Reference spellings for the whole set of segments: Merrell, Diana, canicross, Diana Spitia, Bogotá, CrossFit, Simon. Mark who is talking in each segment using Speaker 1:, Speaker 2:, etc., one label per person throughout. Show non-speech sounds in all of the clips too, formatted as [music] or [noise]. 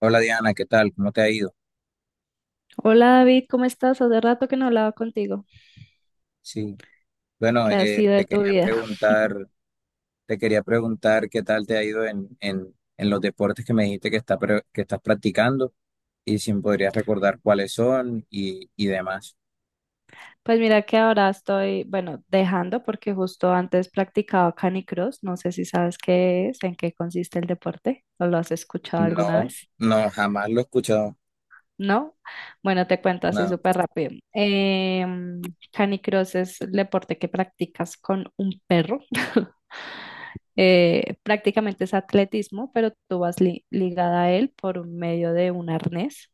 Speaker 1: Hola Diana, ¿qué tal? ¿Cómo te ha ido?
Speaker 2: Hola David, ¿cómo estás? Hace rato que no hablaba contigo.
Speaker 1: Sí, bueno,
Speaker 2: ¿Qué ha sido de tu vida? [laughs]
Speaker 1: te quería preguntar qué tal te ha ido en los deportes que me dijiste que, que estás practicando y si me podrías recordar cuáles son y demás.
Speaker 2: Pues mira que ahora estoy, bueno, dejando porque justo antes practicaba canicross. No sé si sabes qué es, en qué consiste el deporte o lo has escuchado alguna
Speaker 1: No,
Speaker 2: vez.
Speaker 1: no, jamás lo he escuchado.
Speaker 2: ¿No? Bueno, te cuento así
Speaker 1: No,
Speaker 2: súper rápido. Canicross es el deporte que practicas con un perro. [laughs] Prácticamente es atletismo, pero tú vas ligada a él por medio de un arnés.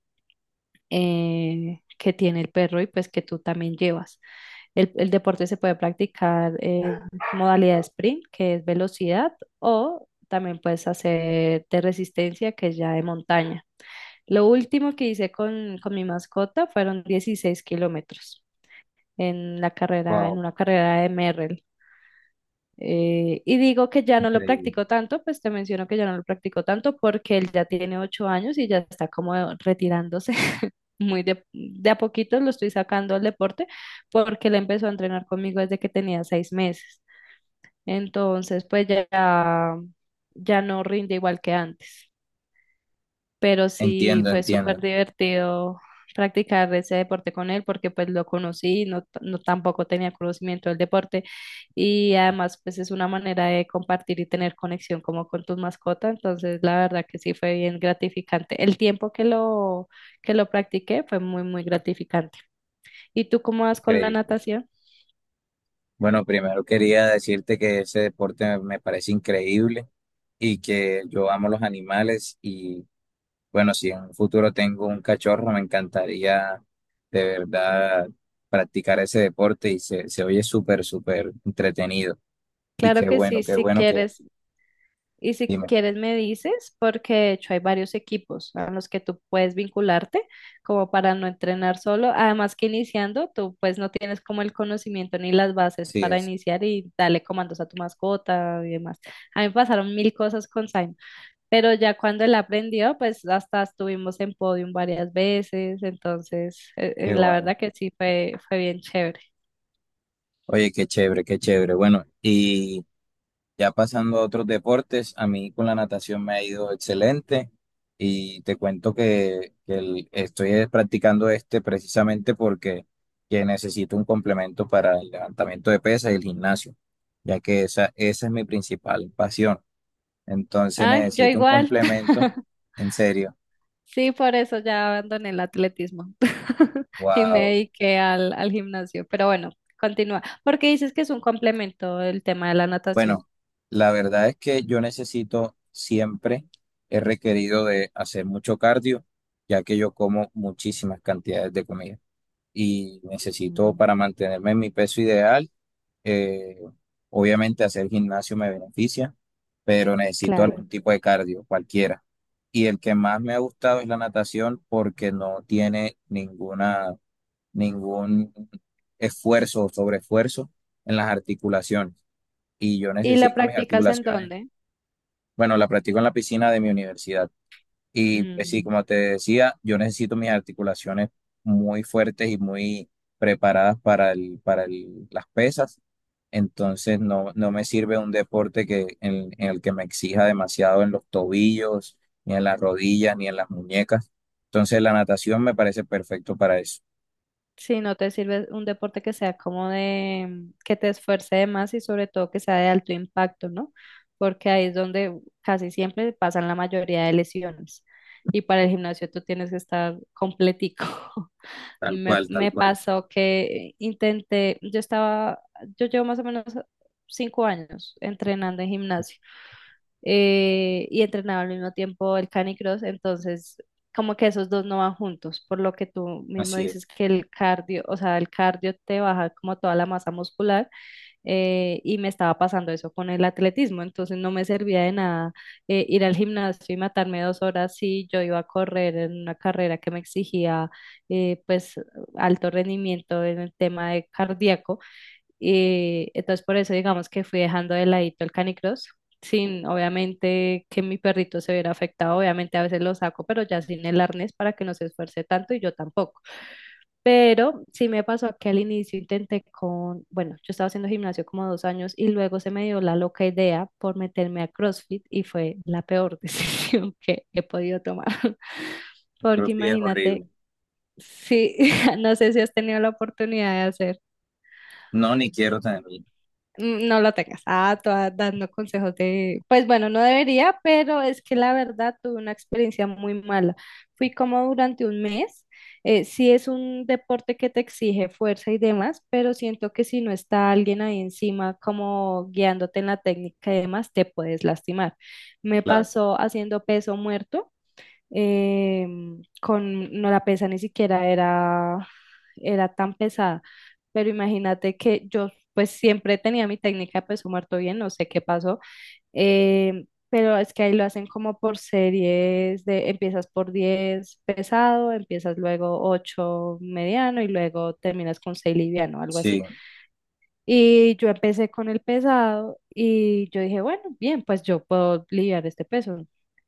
Speaker 2: Que tiene el perro y pues que tú también llevas. El deporte se puede practicar en modalidad sprint, que es velocidad, o también puedes hacer de resistencia, que es ya de montaña. Lo último que hice con mi mascota fueron 16 kilómetros en la carrera, en
Speaker 1: wow,
Speaker 2: una carrera de Merrell. Y digo que ya no lo
Speaker 1: increíble.
Speaker 2: practico tanto, pues te menciono que ya no lo practico tanto porque él ya tiene ocho años y ya está como retirándose muy de a poquito lo estoy sacando al deporte porque él empezó a entrenar conmigo desde que tenía seis meses. Entonces, pues ya, ya no rinde igual que antes, pero sí
Speaker 1: Entiendo,
Speaker 2: fue
Speaker 1: entiendo,
Speaker 2: súper divertido practicar ese deporte con él porque pues lo conocí, no, no tampoco tenía conocimiento del deporte y además pues es una manera de compartir y tener conexión como con tus mascotas, entonces la verdad que sí fue bien gratificante. El tiempo que lo practiqué fue muy, muy gratificante. ¿Y tú cómo vas con la
Speaker 1: increíble.
Speaker 2: natación?
Speaker 1: Bueno, primero quería decirte que ese deporte me parece increíble y que yo amo los animales. Bueno, si en un futuro tengo un cachorro, me encantaría, de verdad, practicar ese deporte y se oye súper, súper entretenido. Y
Speaker 2: Claro que sí,
Speaker 1: qué
Speaker 2: si
Speaker 1: bueno que,
Speaker 2: quieres. Y si
Speaker 1: dime,
Speaker 2: quieres me dices, porque de hecho hay varios equipos a los que tú puedes vincularte como para no entrenar solo. Además que iniciando, tú pues no tienes como el conocimiento ni las bases
Speaker 1: sí,
Speaker 2: para
Speaker 1: es,
Speaker 2: iniciar y darle comandos a tu mascota y demás. A mí me pasaron mil cosas con Simon, pero ya cuando él aprendió, pues hasta estuvimos en podium varias veces. Entonces,
Speaker 1: qué
Speaker 2: la
Speaker 1: bueno.
Speaker 2: verdad que sí fue, fue bien chévere.
Speaker 1: Oye, qué chévere, qué chévere. Bueno, y ya pasando a otros deportes, a mí con la natación me ha ido excelente y te cuento que estoy practicando este precisamente porque que necesito un complemento para el levantamiento de pesas y el gimnasio, ya que esa es mi principal pasión. Entonces
Speaker 2: Ah, yo
Speaker 1: necesito un
Speaker 2: igual.
Speaker 1: complemento,
Speaker 2: [laughs]
Speaker 1: en serio.
Speaker 2: Sí, por eso ya abandoné el atletismo [laughs] y me
Speaker 1: Wow.
Speaker 2: dediqué al gimnasio. Pero bueno, continúa. Porque dices que es un complemento el tema de la natación.
Speaker 1: Bueno, la verdad es que yo necesito siempre, he requerido de hacer mucho cardio, ya que yo como muchísimas cantidades de comida y
Speaker 2: Mm,
Speaker 1: necesito para mantenerme en mi peso ideal. Eh, obviamente hacer gimnasio me beneficia, pero necesito
Speaker 2: claro.
Speaker 1: algún tipo de cardio, cualquiera. Y el que más me ha gustado es la natación porque no tiene ninguna, ningún esfuerzo o sobreesfuerzo en las articulaciones. Y yo
Speaker 2: ¿Y la
Speaker 1: necesito mis
Speaker 2: practicas en
Speaker 1: articulaciones.
Speaker 2: dónde?
Speaker 1: Bueno, la practico en la piscina de mi universidad. Y pues sí,
Speaker 2: Mm,
Speaker 1: como te decía, yo necesito mis articulaciones muy fuertes y muy preparadas para las pesas. Entonces no, no me sirve un deporte que, en el que me exija demasiado en los tobillos, ni en las rodillas, ni en las muñecas. Entonces la natación me parece perfecto para eso.
Speaker 2: si no te sirve un deporte que sea como de, que te esfuerce de más y sobre todo que sea de alto impacto, ¿no? Porque ahí es donde casi siempre pasan la mayoría de lesiones. Y para el gimnasio tú tienes que estar completico. [laughs]
Speaker 1: Tal
Speaker 2: Me,
Speaker 1: cual, tal
Speaker 2: me
Speaker 1: cual.
Speaker 2: pasó que intenté, yo estaba, yo llevo más o menos cinco años entrenando en gimnasio y entrenaba al mismo tiempo el canicross, entonces como que esos dos no van juntos, por lo que tú mismo
Speaker 1: Así es.
Speaker 2: dices que el cardio, o sea, el cardio te baja como toda la masa muscular y me estaba pasando eso con el atletismo, entonces no me servía de nada ir al gimnasio y matarme dos horas si yo iba a correr en una carrera que me exigía pues alto rendimiento en el tema de cardíaco, entonces por eso digamos que fui dejando de ladito el canicross. Sin, obviamente, que mi perrito se viera afectado, obviamente a veces lo saco, pero ya sin el arnés para que no se esfuerce tanto y yo tampoco. Pero sí me pasó que al inicio intenté con, bueno, yo estaba haciendo gimnasio como dos años y luego se me dio la loca idea por meterme a CrossFit y fue la peor [laughs] decisión que he podido tomar. [laughs] Porque
Speaker 1: Creo que es
Speaker 2: imagínate,
Speaker 1: horrible.
Speaker 2: sí, [laughs] no sé si has tenido la oportunidad de hacer.
Speaker 1: No, ni quiero tenerlo.
Speaker 2: Mm, no lo tengas. Ah, toda dando consejos de, pues bueno, no debería, pero es que la verdad tuve una experiencia muy mala. Fui como durante un mes. Sí es un deporte que te exige fuerza y demás, pero siento que si no está alguien ahí encima como guiándote en la técnica y demás, te puedes lastimar. Me
Speaker 1: Claro,
Speaker 2: pasó haciendo peso muerto eh, con, no la pesa ni siquiera era, era tan pesada, pero imagínate que yo pues siempre tenía mi técnica de peso muerto bien, no sé qué pasó, eh, pero es que ahí lo hacen como por series de, empiezas por 10 pesado, empiezas luego 8 mediano y luego terminas con 6 liviano, algo así.
Speaker 1: sí,
Speaker 2: Y yo empecé con el pesado y yo dije, bueno, bien, pues yo puedo lidiar este peso.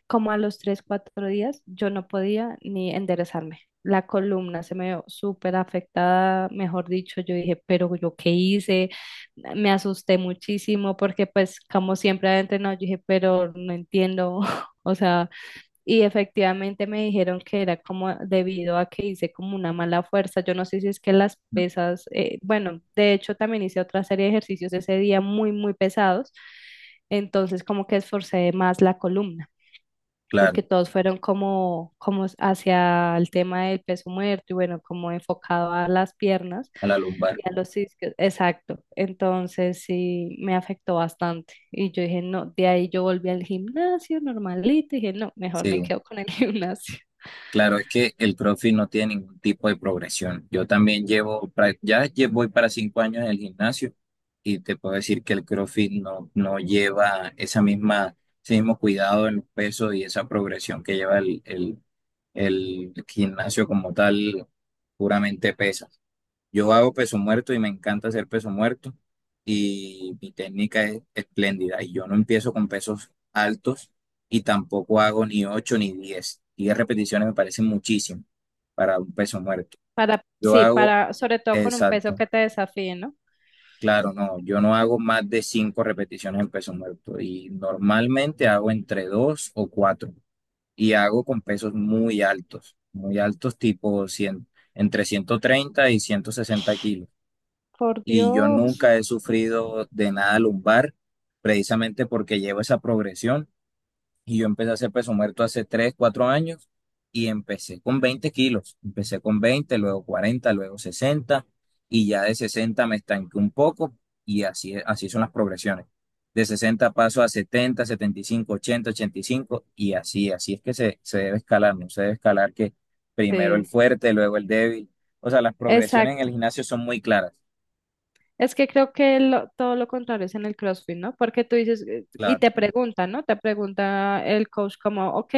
Speaker 2: Como a los tres, cuatro días, yo no podía ni enderezarme. La columna se me vio súper afectada, mejor dicho, yo dije, pero yo qué hice, me asusté muchísimo porque pues como siempre adentro, no, yo dije, pero no entiendo, [laughs] o sea... Y efectivamente me dijeron que era como debido a que hice como una mala fuerza. Yo no sé si es que las pesas, bueno, de hecho también hice otra serie de ejercicios ese día muy, muy pesados. Entonces como que esforcé más la columna
Speaker 1: claro,
Speaker 2: porque todos fueron como, como hacia el tema del peso muerto y bueno, como enfocado a las piernas
Speaker 1: a la lumbar.
Speaker 2: y a los discos. Exacto. Entonces sí me afectó bastante. Y yo dije, no, de ahí yo volví al gimnasio normalito y dije, no, mejor me
Speaker 1: Sí.
Speaker 2: quedo con el [laughs] gimnasio.
Speaker 1: Claro, es que el CrossFit no tiene ningún tipo de progresión. Yo también llevo, voy para 5 años en el gimnasio y te puedo decir que el CrossFit no, no lleva esa misma, ese mismo cuidado en los pesos y esa progresión que lleva el gimnasio como tal, puramente pesa. Yo hago peso muerto y me encanta hacer peso muerto y mi técnica es espléndida. Y yo no empiezo con pesos altos y tampoco hago ni 8 ni 10. 10 repeticiones me parecen muchísimo para un peso muerto.
Speaker 2: Para,
Speaker 1: Yo
Speaker 2: sí,
Speaker 1: hago,
Speaker 2: para, sobre todo con un peso
Speaker 1: exacto,
Speaker 2: que te desafíe, ¿no?
Speaker 1: claro, no, yo no hago más de 5 repeticiones en peso muerto y normalmente hago entre 2 o 4 y hago con pesos muy altos tipo 100, entre 130 y 160 kilos.
Speaker 2: Por
Speaker 1: Y yo
Speaker 2: Dios.
Speaker 1: nunca he sufrido de nada lumbar, precisamente porque llevo esa progresión y yo empecé a hacer peso muerto hace 3 4 años y empecé con 20 kilos, empecé con 20, luego 40, luego 60 y ya de 60 me estanqué un poco y así, así son las progresiones. De 60 paso a 70, 75, 80, 85 y así, así es que se debe escalar, no se debe escalar que primero el
Speaker 2: Sí,
Speaker 1: fuerte, luego el débil. O sea, las progresiones en el
Speaker 2: exacto.
Speaker 1: gimnasio son muy claras.
Speaker 2: Es que creo que todo lo contrario es en el CrossFit, ¿no? Porque tú dices, y
Speaker 1: Claro.
Speaker 2: te pregunta, ¿no? Te pregunta el coach como, ok,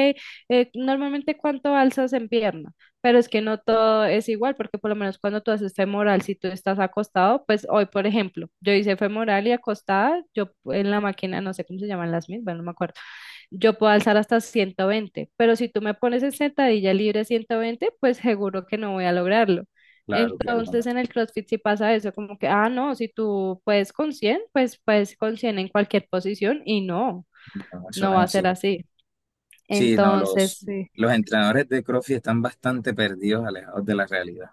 Speaker 2: normalmente cuánto alzas en pierna, pero es que no todo es igual, porque por lo menos cuando tú haces femoral, si tú estás acostado, pues hoy, por ejemplo, yo hice femoral y acostada, yo en la máquina, no sé cómo se llaman las mismas, no me acuerdo, yo puedo alzar hasta 120, pero si tú me pones en sentadilla libre 120, pues seguro que no voy a lograrlo.
Speaker 1: Claro, claro,
Speaker 2: Entonces en el CrossFit sí pasa eso, como que, ah, no, si tú puedes con 100, pues puedes con 100 en cualquier posición y no,
Speaker 1: cuando
Speaker 2: no
Speaker 1: mencionan
Speaker 2: va a
Speaker 1: así.
Speaker 2: ser así.
Speaker 1: Sí, no,
Speaker 2: Entonces, sí,
Speaker 1: los entrenadores de CrossFit están bastante perdidos, alejados de la realidad.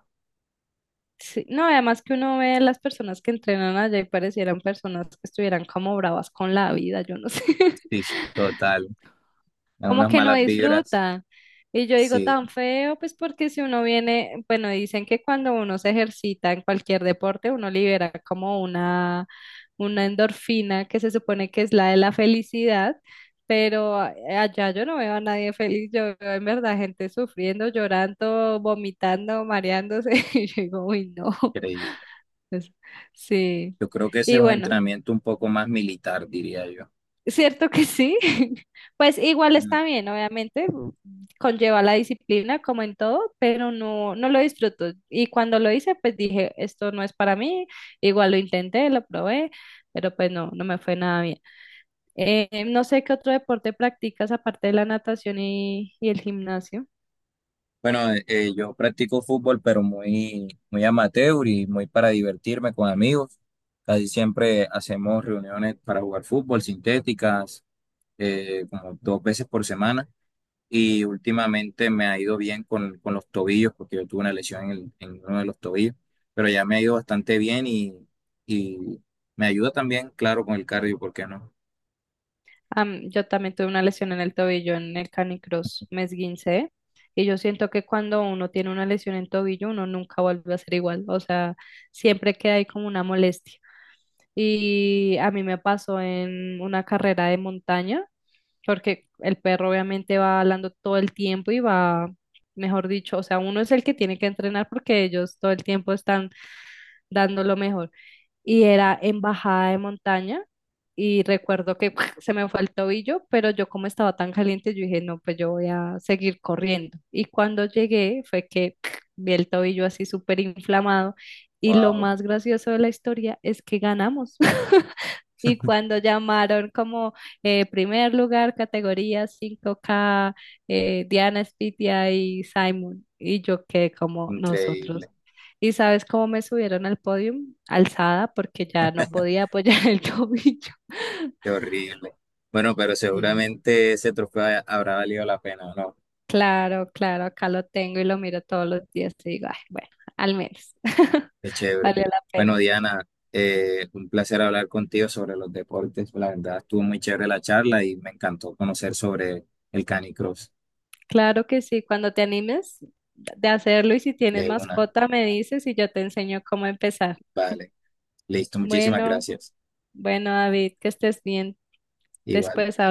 Speaker 2: sí. No, además que uno ve las personas que entrenan allá y parecieran personas que estuvieran como bravas con la vida, yo no sé.
Speaker 1: Sí, total. Dan
Speaker 2: Como
Speaker 1: unas
Speaker 2: que no
Speaker 1: malas vibras.
Speaker 2: disfrutan. Y yo digo
Speaker 1: Sí,
Speaker 2: tan feo, pues porque si uno viene, bueno, dicen que cuando uno se ejercita en cualquier deporte, uno libera como una endorfina que se supone que es la de la felicidad, pero allá yo no veo a nadie feliz, yo veo en verdad gente sufriendo, llorando, vomitando, mareándose, [laughs] y yo digo, uy, no, [laughs]
Speaker 1: increíble.
Speaker 2: pues, sí.
Speaker 1: Yo creo que ese es
Speaker 2: Y
Speaker 1: un
Speaker 2: bueno.
Speaker 1: entrenamiento un poco más militar, diría yo.
Speaker 2: Cierto que sí. [laughs] Pues igual
Speaker 1: Mm.
Speaker 2: está bien, obviamente, conlleva la disciplina como en todo, pero no, no lo disfruto. Y cuando lo hice, pues dije, esto no es para mí. Igual lo intenté, lo probé, pero pues no, no me fue nada bien. No sé qué otro deporte practicas aparte de la natación y el gimnasio.
Speaker 1: Bueno, yo practico fútbol, pero muy, muy amateur y muy para divertirme con amigos. Casi siempre hacemos reuniones para jugar fútbol, sintéticas, como dos veces por semana. Y últimamente me ha ido bien con los tobillos, porque yo tuve una lesión en uno de los tobillos, pero ya me ha ido bastante bien y me ayuda también, claro, con el cardio, ¿por qué no?
Speaker 2: Am, yo también tuve una lesión en el tobillo en el canicross, me esguincé y yo siento que cuando uno tiene una lesión en tobillo uno nunca vuelve a ser igual, o sea, siempre queda ahí como una molestia. Y a mí me pasó en una carrera de montaña, porque el perro obviamente va hablando todo el tiempo y va, mejor dicho, o sea, uno es el que tiene que entrenar porque ellos todo el tiempo están dando lo mejor y era en bajada de montaña y recuerdo que [laughs] se me fue el tobillo, pero yo como estaba tan caliente, yo dije, no, pues yo voy a seguir corriendo. Y cuando llegué fue que [laughs] vi el tobillo así súper inflamado y lo
Speaker 1: ¡Wow!
Speaker 2: más gracioso de la historia es que ganamos. [laughs] Y cuando llamaron como primer lugar, categoría 5K Diana Spitia y Simon, y yo quedé como nosotros.
Speaker 1: Increíble,
Speaker 2: ¿Y sabes cómo me subieron al podium? Alzada, porque ya no podía apoyar el [laughs] tobillo.
Speaker 1: qué horrible. Bueno, pero
Speaker 2: Sí.
Speaker 1: seguramente ese trofeo habrá valido la pena, ¿no?
Speaker 2: Claro, claro, acá lo tengo y lo miro todos los días y digo, "Ay, bueno, al menos [laughs]
Speaker 1: Qué chévere.
Speaker 2: valió la
Speaker 1: Bueno,
Speaker 2: pena".
Speaker 1: Diana, un placer hablar contigo sobre los deportes. La verdad, estuvo muy chévere la charla y me encantó conocer sobre el canicross
Speaker 2: Claro que sí, cuando te animes de hacerlo y si tienes
Speaker 1: de una.
Speaker 2: mascota me dices y yo te enseño cómo empezar.
Speaker 1: Vale, listo, muchísimas
Speaker 2: Bueno,
Speaker 1: gracias.
Speaker 2: bueno, David, que estés bien. Después
Speaker 1: Igual.
Speaker 2: hablamos.